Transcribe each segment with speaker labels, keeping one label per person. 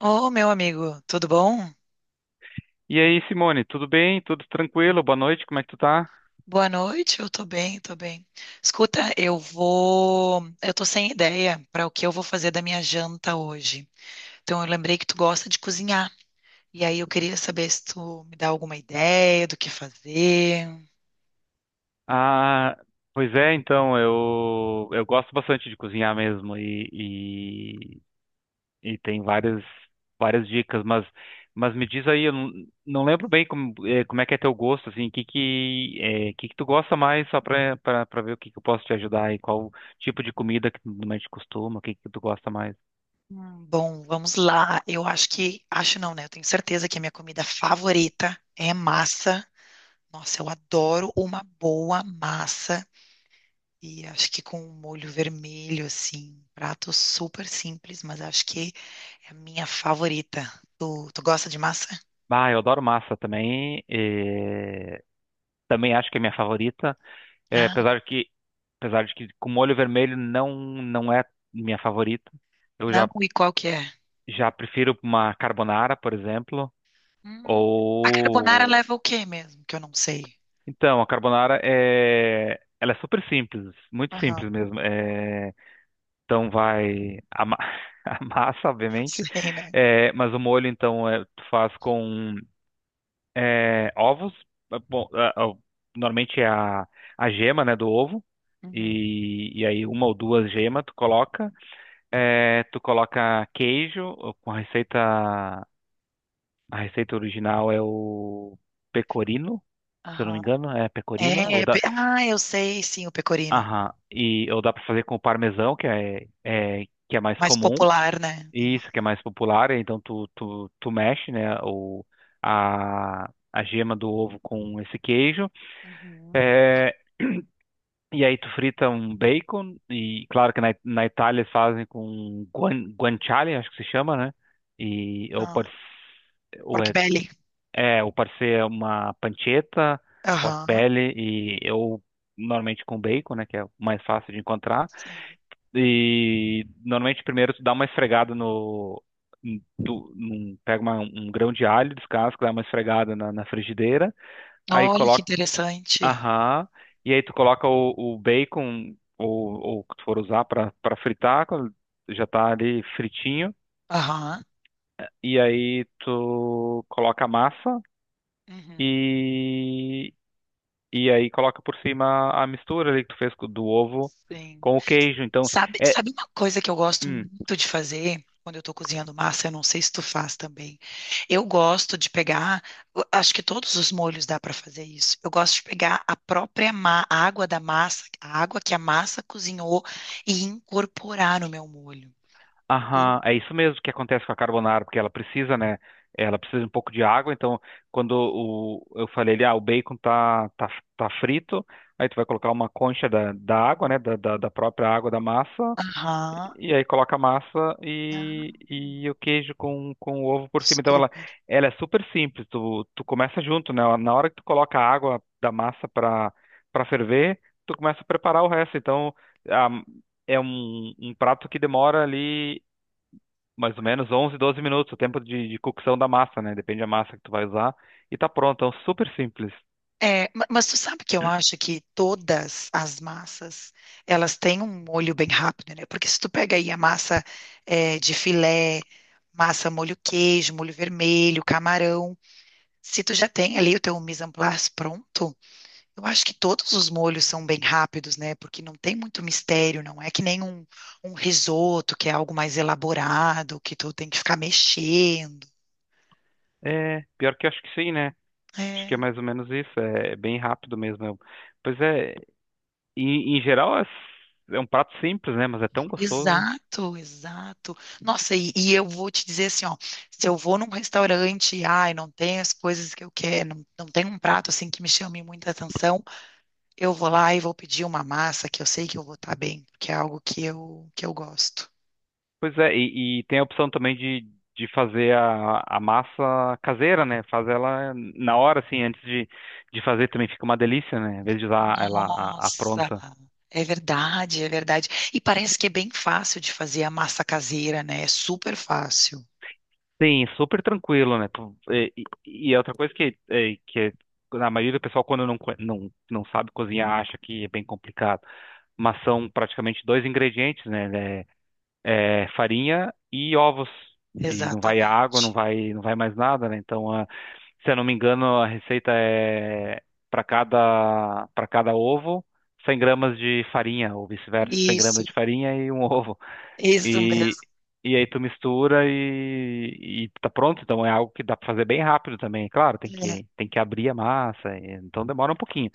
Speaker 1: Ô, meu amigo, tudo bom?
Speaker 2: E aí, Simone, tudo bem? Tudo tranquilo? Boa noite, como é que tu tá?
Speaker 1: Boa noite, eu tô bem, tô bem. Escuta, eu vou. Eu tô sem ideia para o que eu vou fazer da minha janta hoje. Então, eu lembrei que tu gosta de cozinhar. E aí, eu queria saber se tu me dá alguma ideia do que fazer.
Speaker 2: Ah, pois é, então, eu gosto bastante de cozinhar mesmo e tem várias dicas, mas me diz aí, eu não lembro bem como, como é que é teu gosto, assim, que, que tu gosta mais, só pra ver o que que eu posso te ajudar e qual tipo de comida que tu normalmente costuma, o que que tu gosta mais.
Speaker 1: Bom, vamos lá. Eu acho que. Acho não, né? Eu tenho certeza que a minha comida favorita é massa. Nossa, eu adoro uma boa massa. E acho que com um molho vermelho, assim, prato super simples, mas acho que é a minha favorita. Tu gosta de massa?
Speaker 2: Ah, eu adoro massa também, também acho que é minha favorita. É,
Speaker 1: Ah,
Speaker 2: apesar que, apesar de que com molho vermelho não é minha favorita. Eu
Speaker 1: não,
Speaker 2: já
Speaker 1: e qual que é?
Speaker 2: já prefiro uma carbonara, por exemplo,
Speaker 1: Hum, a carbonara
Speaker 2: ou
Speaker 1: leva o quê mesmo? Que eu não sei.
Speaker 2: então a carbonara ela é super simples, muito
Speaker 1: Aham,
Speaker 2: simples mesmo. É, então vai a massa, obviamente,
Speaker 1: eu sei, né?
Speaker 2: é, mas o molho então é, tu faz com é, ovos, é, bom, normalmente é a gema, né, do ovo.
Speaker 1: Uhum,
Speaker 2: E aí uma ou duas gemas tu coloca. É, tu coloca queijo ou com a receita. A receita original é o pecorino, se eu não me
Speaker 1: aham.
Speaker 2: engano, é pecorino. Ou
Speaker 1: É,
Speaker 2: dá.
Speaker 1: ah, eu sei, sim, o pecorino.
Speaker 2: Aham. E, ou dá para fazer com parmesão, que que é mais
Speaker 1: Mais
Speaker 2: comum.
Speaker 1: popular, né?
Speaker 2: E isso, que é mais popular. Então tu mexe, né, a gema do ovo com esse queijo.
Speaker 1: Uhum.
Speaker 2: É. E aí tu frita um bacon, e claro que na Itália eles fazem com guanciale, acho que se chama, né? E ou
Speaker 1: Ah,
Speaker 2: pode s- ou
Speaker 1: pork
Speaker 2: é,
Speaker 1: belly.
Speaker 2: é, ou pode ser uma pancetta, pork
Speaker 1: Aham,
Speaker 2: belly e eu normalmente com bacon, né, que é o mais fácil de encontrar.
Speaker 1: sim.
Speaker 2: E normalmente primeiro tu dá uma esfregada no em- tu num- Pega um grão de alho, descasca, dá uma esfregada na frigideira. Aí
Speaker 1: Olha que
Speaker 2: coloca.
Speaker 1: interessante.
Speaker 2: Aham. E aí tu coloca o bacon ou o que tu for usar para fritar, quando já tá ali fritinho.
Speaker 1: Aham.
Speaker 2: E aí tu coloca a massa
Speaker 1: Uhum.
Speaker 2: e e aí coloca por cima a mistura ali que tu fez do ovo
Speaker 1: Sim.
Speaker 2: com o queijo. Então
Speaker 1: Sabe,
Speaker 2: é.
Speaker 1: sabe uma coisa que eu gosto
Speaker 2: hum,
Speaker 1: muito de fazer quando eu estou cozinhando massa? Eu não sei se tu faz também. Eu gosto de pegar, eu acho que todos os molhos dá para fazer isso. Eu gosto de pegar a própria a água da massa, a água que a massa cozinhou e incorporar no meu molho. Eu-
Speaker 2: Aham, é isso mesmo que acontece com a carbonara, porque ela precisa, né? Ela precisa de um pouco de água, então quando eu falei ali, o bacon tá frito, aí tu vai colocar uma concha da água, né? Da própria água da massa,
Speaker 1: Aham.
Speaker 2: e aí coloca a massa
Speaker 1: Ah,
Speaker 2: e o queijo com o ovo por cima. Então ela,
Speaker 1: super.
Speaker 2: ela é super simples, tu começa junto, né? Na hora que tu coloca a água da massa para ferver, tu começa a preparar o resto. Então, a, é um prato que demora ali mais ou menos 11, 12 minutos, o tempo de cocção da massa, né? Depende da massa que tu vai usar. E tá pronto, é um super simples.
Speaker 1: É, mas tu sabe que eu acho que todas as massas, elas têm um molho bem rápido, né? Porque se tu pega aí a massa é, de filé, massa molho queijo, molho vermelho, camarão, se tu já tem ali o teu mise en place pronto, eu acho que todos os molhos são bem rápidos, né? Porque não tem muito mistério, não é que nem um, um risoto, que é algo mais elaborado, que tu tem que ficar mexendo.
Speaker 2: É, pior que eu acho que sim, né? Acho que é
Speaker 1: É.
Speaker 2: mais ou menos isso, é bem rápido mesmo. Pois é, em geral é, é um prato simples, né? Mas é tão gostoso.
Speaker 1: Exato, exato. Nossa, e eu vou te dizer assim, ó, se eu vou num restaurante e, ai, não tem as coisas que eu quero, não, não tem um prato assim que me chame muita atenção, eu vou lá e vou pedir uma massa que eu sei que eu vou estar bem, porque é algo que eu gosto.
Speaker 2: Pois é, e tem a opção também de fazer a massa caseira, né? Faz ela na hora, assim, antes de fazer também fica uma delícia, né? Em vez de usar ela a
Speaker 1: Nossa,
Speaker 2: pronta.
Speaker 1: é verdade, é verdade. E parece que é bem fácil de fazer a massa caseira, né? É super fácil.
Speaker 2: Sim, super tranquilo, né? Pô. E é outra coisa que, que a maioria do pessoal, quando não sabe cozinhar, acha que é bem complicado. Mas são praticamente dois ingredientes, né? É, farinha e ovos. E não vai água, não
Speaker 1: Exatamente.
Speaker 2: vai, não vai mais nada, né? Então, se eu não me engano, a receita é para cada ovo, 100 gramas de farinha, ou vice-versa, 100
Speaker 1: Isso,
Speaker 2: gramas de farinha e um ovo.
Speaker 1: isso
Speaker 2: E, e aí tu mistura e tá pronto. Então é algo que dá pra fazer bem rápido também. Claro, tem
Speaker 1: mesmo. É.
Speaker 2: que, tem que abrir a massa, então demora um pouquinho.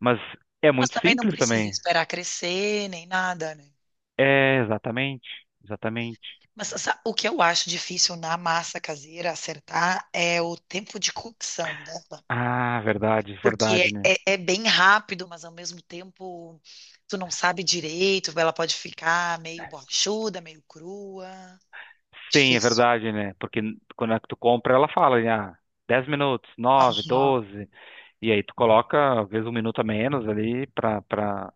Speaker 2: Mas é
Speaker 1: Mas
Speaker 2: muito
Speaker 1: também não
Speaker 2: simples
Speaker 1: precisa
Speaker 2: também.
Speaker 1: esperar crescer nem nada, né?
Speaker 2: É, exatamente, exatamente.
Speaker 1: Mas o que eu acho difícil na massa caseira acertar é o tempo de cocção dela.
Speaker 2: Ah, verdade,
Speaker 1: Porque
Speaker 2: verdade, né?
Speaker 1: é bem rápido, mas ao mesmo tempo tu não sabe direito, ela pode ficar meio borrachuda, meio crua.
Speaker 2: Sim, é
Speaker 1: Difícil.
Speaker 2: verdade, né? Porque quando é que tu compra, ela fala, né, 10 minutos, 9
Speaker 1: Não.
Speaker 2: doze, e aí tu coloca, às vezes, 1 minuto a menos ali pra, pra,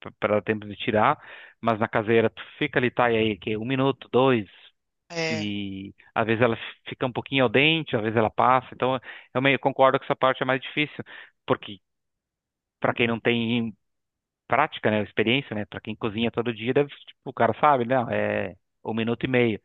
Speaker 2: pra pra dar tempo de tirar, mas na caseira tu fica ali, tá, e aí, que 1 minuto, dois.
Speaker 1: É,
Speaker 2: E às vezes ela fica um pouquinho ao dente, às vezes ela passa. Então, eu meio concordo que essa parte é mais difícil, porque para quem não tem prática, né, experiência, né, para quem cozinha todo dia, deve, tipo, o cara sabe, né, "Ah, é 1 minuto e meio."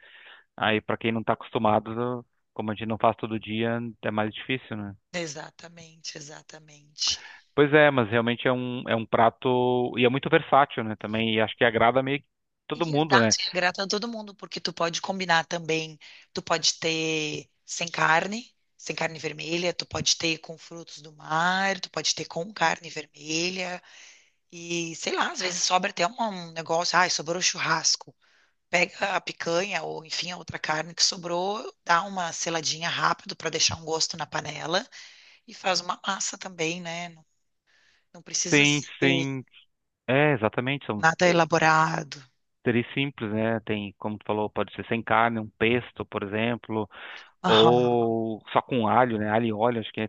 Speaker 2: Aí para quem não está acostumado, como a gente não faz todo dia, é mais difícil, né?
Speaker 1: exatamente, exatamente.
Speaker 2: Pois é, mas realmente é um prato e é muito versátil, né, também, e acho que agrada meio que
Speaker 1: E
Speaker 2: todo
Speaker 1: é
Speaker 2: mundo, né?
Speaker 1: exato, e é grato a todo mundo, porque tu pode combinar também, tu pode ter sem carne, sem carne vermelha, tu pode ter com frutos do mar, tu pode ter com carne vermelha, e sei lá, às vezes sobra até um, um negócio, ai, sobrou churrasco. Pega a picanha ou, enfim, a outra carne que sobrou, dá uma seladinha rápido para deixar um gosto na panela e faz uma massa também, né? Não, não precisa
Speaker 2: Sim,
Speaker 1: ser
Speaker 2: sim. É, exatamente.
Speaker 1: nada elaborado.
Speaker 2: Seria simples, né? Tem, como tu falou, pode ser sem carne, um pesto, por exemplo,
Speaker 1: Aham,
Speaker 2: ou só com alho, né? Alho e óleo, acho que é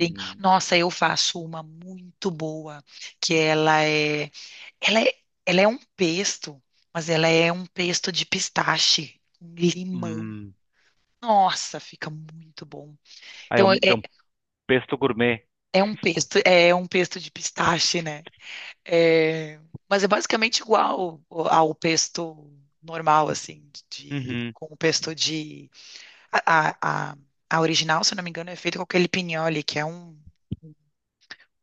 Speaker 1: sim. Nossa, eu faço uma muito boa, que ela é, ela é, ela é um pesto, mas ela é um pesto de pistache, com limão.
Speaker 2: Hum.
Speaker 1: Nossa, fica muito bom.
Speaker 2: Ah, é
Speaker 1: Então é,
Speaker 2: um, é um pesto gourmet.
Speaker 1: é um pesto de pistache, né? É, mas é basicamente igual ao ao pesto normal, assim, de,
Speaker 2: Uhum,
Speaker 1: com o pesto de. A, a, a, a original, se eu não me engano, é feita com aquele pignoli, que é um,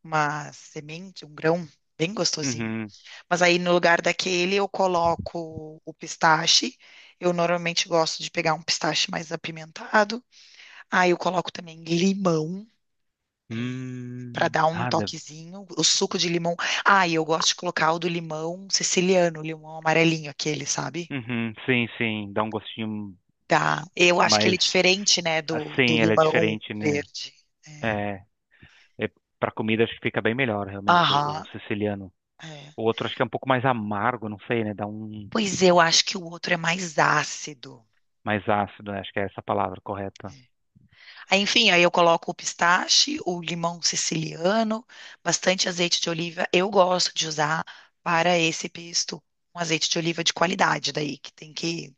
Speaker 1: uma semente, um grão bem gostosinho.
Speaker 2: uhum.
Speaker 1: Mas aí no lugar daquele eu coloco o pistache. Eu normalmente gosto de pegar um pistache mais apimentado. Aí eu coloco também limão. Para
Speaker 2: Hum.
Speaker 1: dar um
Speaker 2: Ah, deve.
Speaker 1: toquezinho. O suco de limão. Ah, e eu gosto de colocar o do limão siciliano, o limão amarelinho, aquele, sabe?
Speaker 2: Uhum, sim, sim. Dá um gostinho
Speaker 1: Tá. Eu acho que ele é
Speaker 2: mais
Speaker 1: diferente, né, do
Speaker 2: assim, ela é
Speaker 1: limão
Speaker 2: diferente, né?
Speaker 1: verde. É.
Speaker 2: É, é para comida acho que fica bem melhor, realmente, o,
Speaker 1: Aham,
Speaker 2: o siciliano.
Speaker 1: é.
Speaker 2: O outro acho que é um pouco mais amargo, não sei, né? Dá um
Speaker 1: Pois eu acho que o outro é mais ácido.
Speaker 2: mais ácido, né? Acho que é essa a palavra
Speaker 1: É.
Speaker 2: correta.
Speaker 1: Aí, enfim, aí eu coloco o pistache, o limão siciliano, bastante azeite de oliva. Eu gosto de usar para esse pesto um azeite de oliva de qualidade, daí que tem que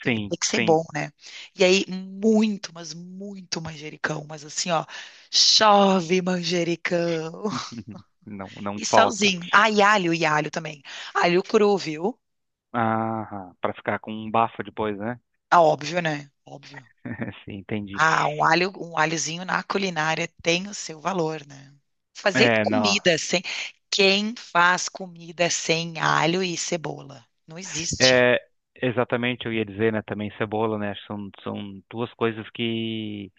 Speaker 1: Tem
Speaker 2: Sim,
Speaker 1: que ser
Speaker 2: sim.
Speaker 1: bom, né? E aí, muito, mas muito manjericão. Mas assim, ó, chove manjericão.
Speaker 2: Não, não
Speaker 1: E
Speaker 2: falta.
Speaker 1: salzinho. Ah, e alho também. Alho cru, viu?
Speaker 2: Ah, para ficar com um bafo depois, né?
Speaker 1: Ah, óbvio, né? Óbvio.
Speaker 2: Sim, entendi.
Speaker 1: Ah, um alho, um alhozinho na culinária tem o seu valor, né? Fazer
Speaker 2: É, não.
Speaker 1: comida sem. Quem faz comida sem alho e cebola? Não existe.
Speaker 2: É, exatamente, eu ia dizer, né, também cebola, né? São duas coisas que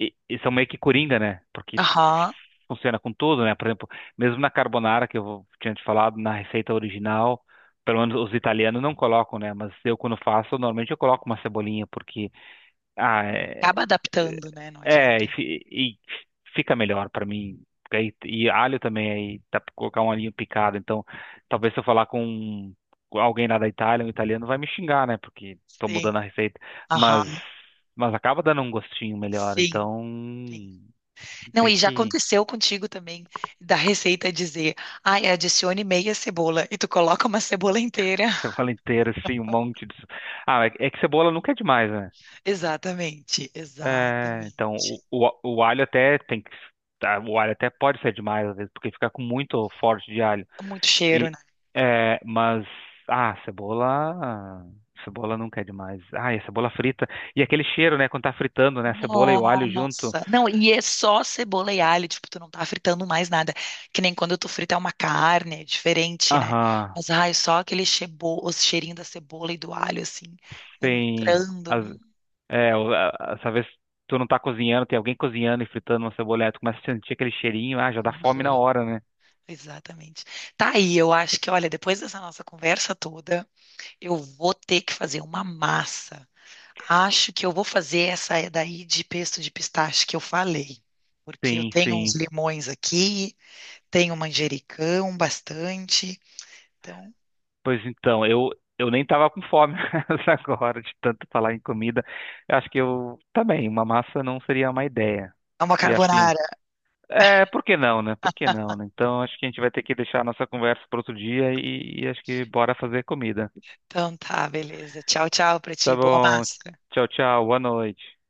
Speaker 2: e são meio que coringa, né? Porque
Speaker 1: Aham.
Speaker 2: funciona com tudo, né? Por exemplo, mesmo na carbonara, que tinha te falado, na receita original, pelo menos os italianos não colocam, né? Mas eu, quando faço, normalmente eu coloco uma cebolinha, porque Ah, é,
Speaker 1: Acaba adaptando, né? Não
Speaker 2: é, é,
Speaker 1: adianta.
Speaker 2: e, fi- e fica melhor pra mim. Porque e alho também, aí dá pra colocar um alhinho picado. Então, talvez se eu falar com alguém lá da Itália, um italiano, vai me xingar, né? Porque tô
Speaker 1: Sim.
Speaker 2: mudando a receita. Mas,
Speaker 1: Aham.
Speaker 2: mas acaba dando um gostinho melhor.
Speaker 1: Sim,
Speaker 2: Então,
Speaker 1: sim. Não,
Speaker 2: tem
Speaker 1: e já
Speaker 2: que.
Speaker 1: aconteceu contigo também, da receita dizer, ai, adicione meia cebola, e tu coloca uma cebola inteira.
Speaker 2: Cebola inteira, assim, um monte de. Ah, é que cebola nunca é demais, né?
Speaker 1: Exatamente,
Speaker 2: É,
Speaker 1: exatamente.
Speaker 2: então, o alho até tem que. Tá, o alho até pode ser demais, às vezes, porque fica com muito forte de alho.
Speaker 1: Muito cheiro,
Speaker 2: E,
Speaker 1: né?
Speaker 2: mas, cebola. Cebola nunca é demais. Ah, e a cebola frita. E aquele cheiro, né? Quando tá fritando, né? A cebola e o alho junto.
Speaker 1: Nossa. Não, e é só cebola e alho, tipo, tu não tá fritando mais nada. Que nem quando tu frita uma carne, é diferente, né?
Speaker 2: Aham.
Speaker 1: Mas, ai, só aquele chebo, o cheirinho da cebola e do alho, assim,
Speaker 2: Sim.
Speaker 1: entrando.
Speaker 2: Essa vez tu não tá cozinhando, tem alguém cozinhando e fritando uma cebola, aí tu começa a sentir aquele cheirinho, ah, já
Speaker 1: Hum,
Speaker 2: dá fome na hora, né?
Speaker 1: Exatamente. Tá aí, eu acho que, olha, depois dessa nossa conversa toda. Eu vou ter que fazer uma massa. Acho que eu vou fazer essa daí de pesto de pistache que eu falei, porque eu
Speaker 2: Sim,
Speaker 1: tenho uns
Speaker 2: sim.
Speaker 1: limões aqui, tenho manjericão bastante. Então,
Speaker 2: Pois então, eu nem tava com fome agora de tanto falar em comida. Eu acho que eu também, uma massa não seria uma ideia.
Speaker 1: é uma
Speaker 2: E acho que.
Speaker 1: carbonara.
Speaker 2: É, por que não, né? Por que não, né? Então acho que a gente vai ter que deixar a nossa conversa para outro dia e acho que bora fazer comida.
Speaker 1: Então tá, beleza. Tchau, tchau pra
Speaker 2: Tá
Speaker 1: ti. Boa
Speaker 2: bom.
Speaker 1: massa.
Speaker 2: Tchau, tchau. Boa noite.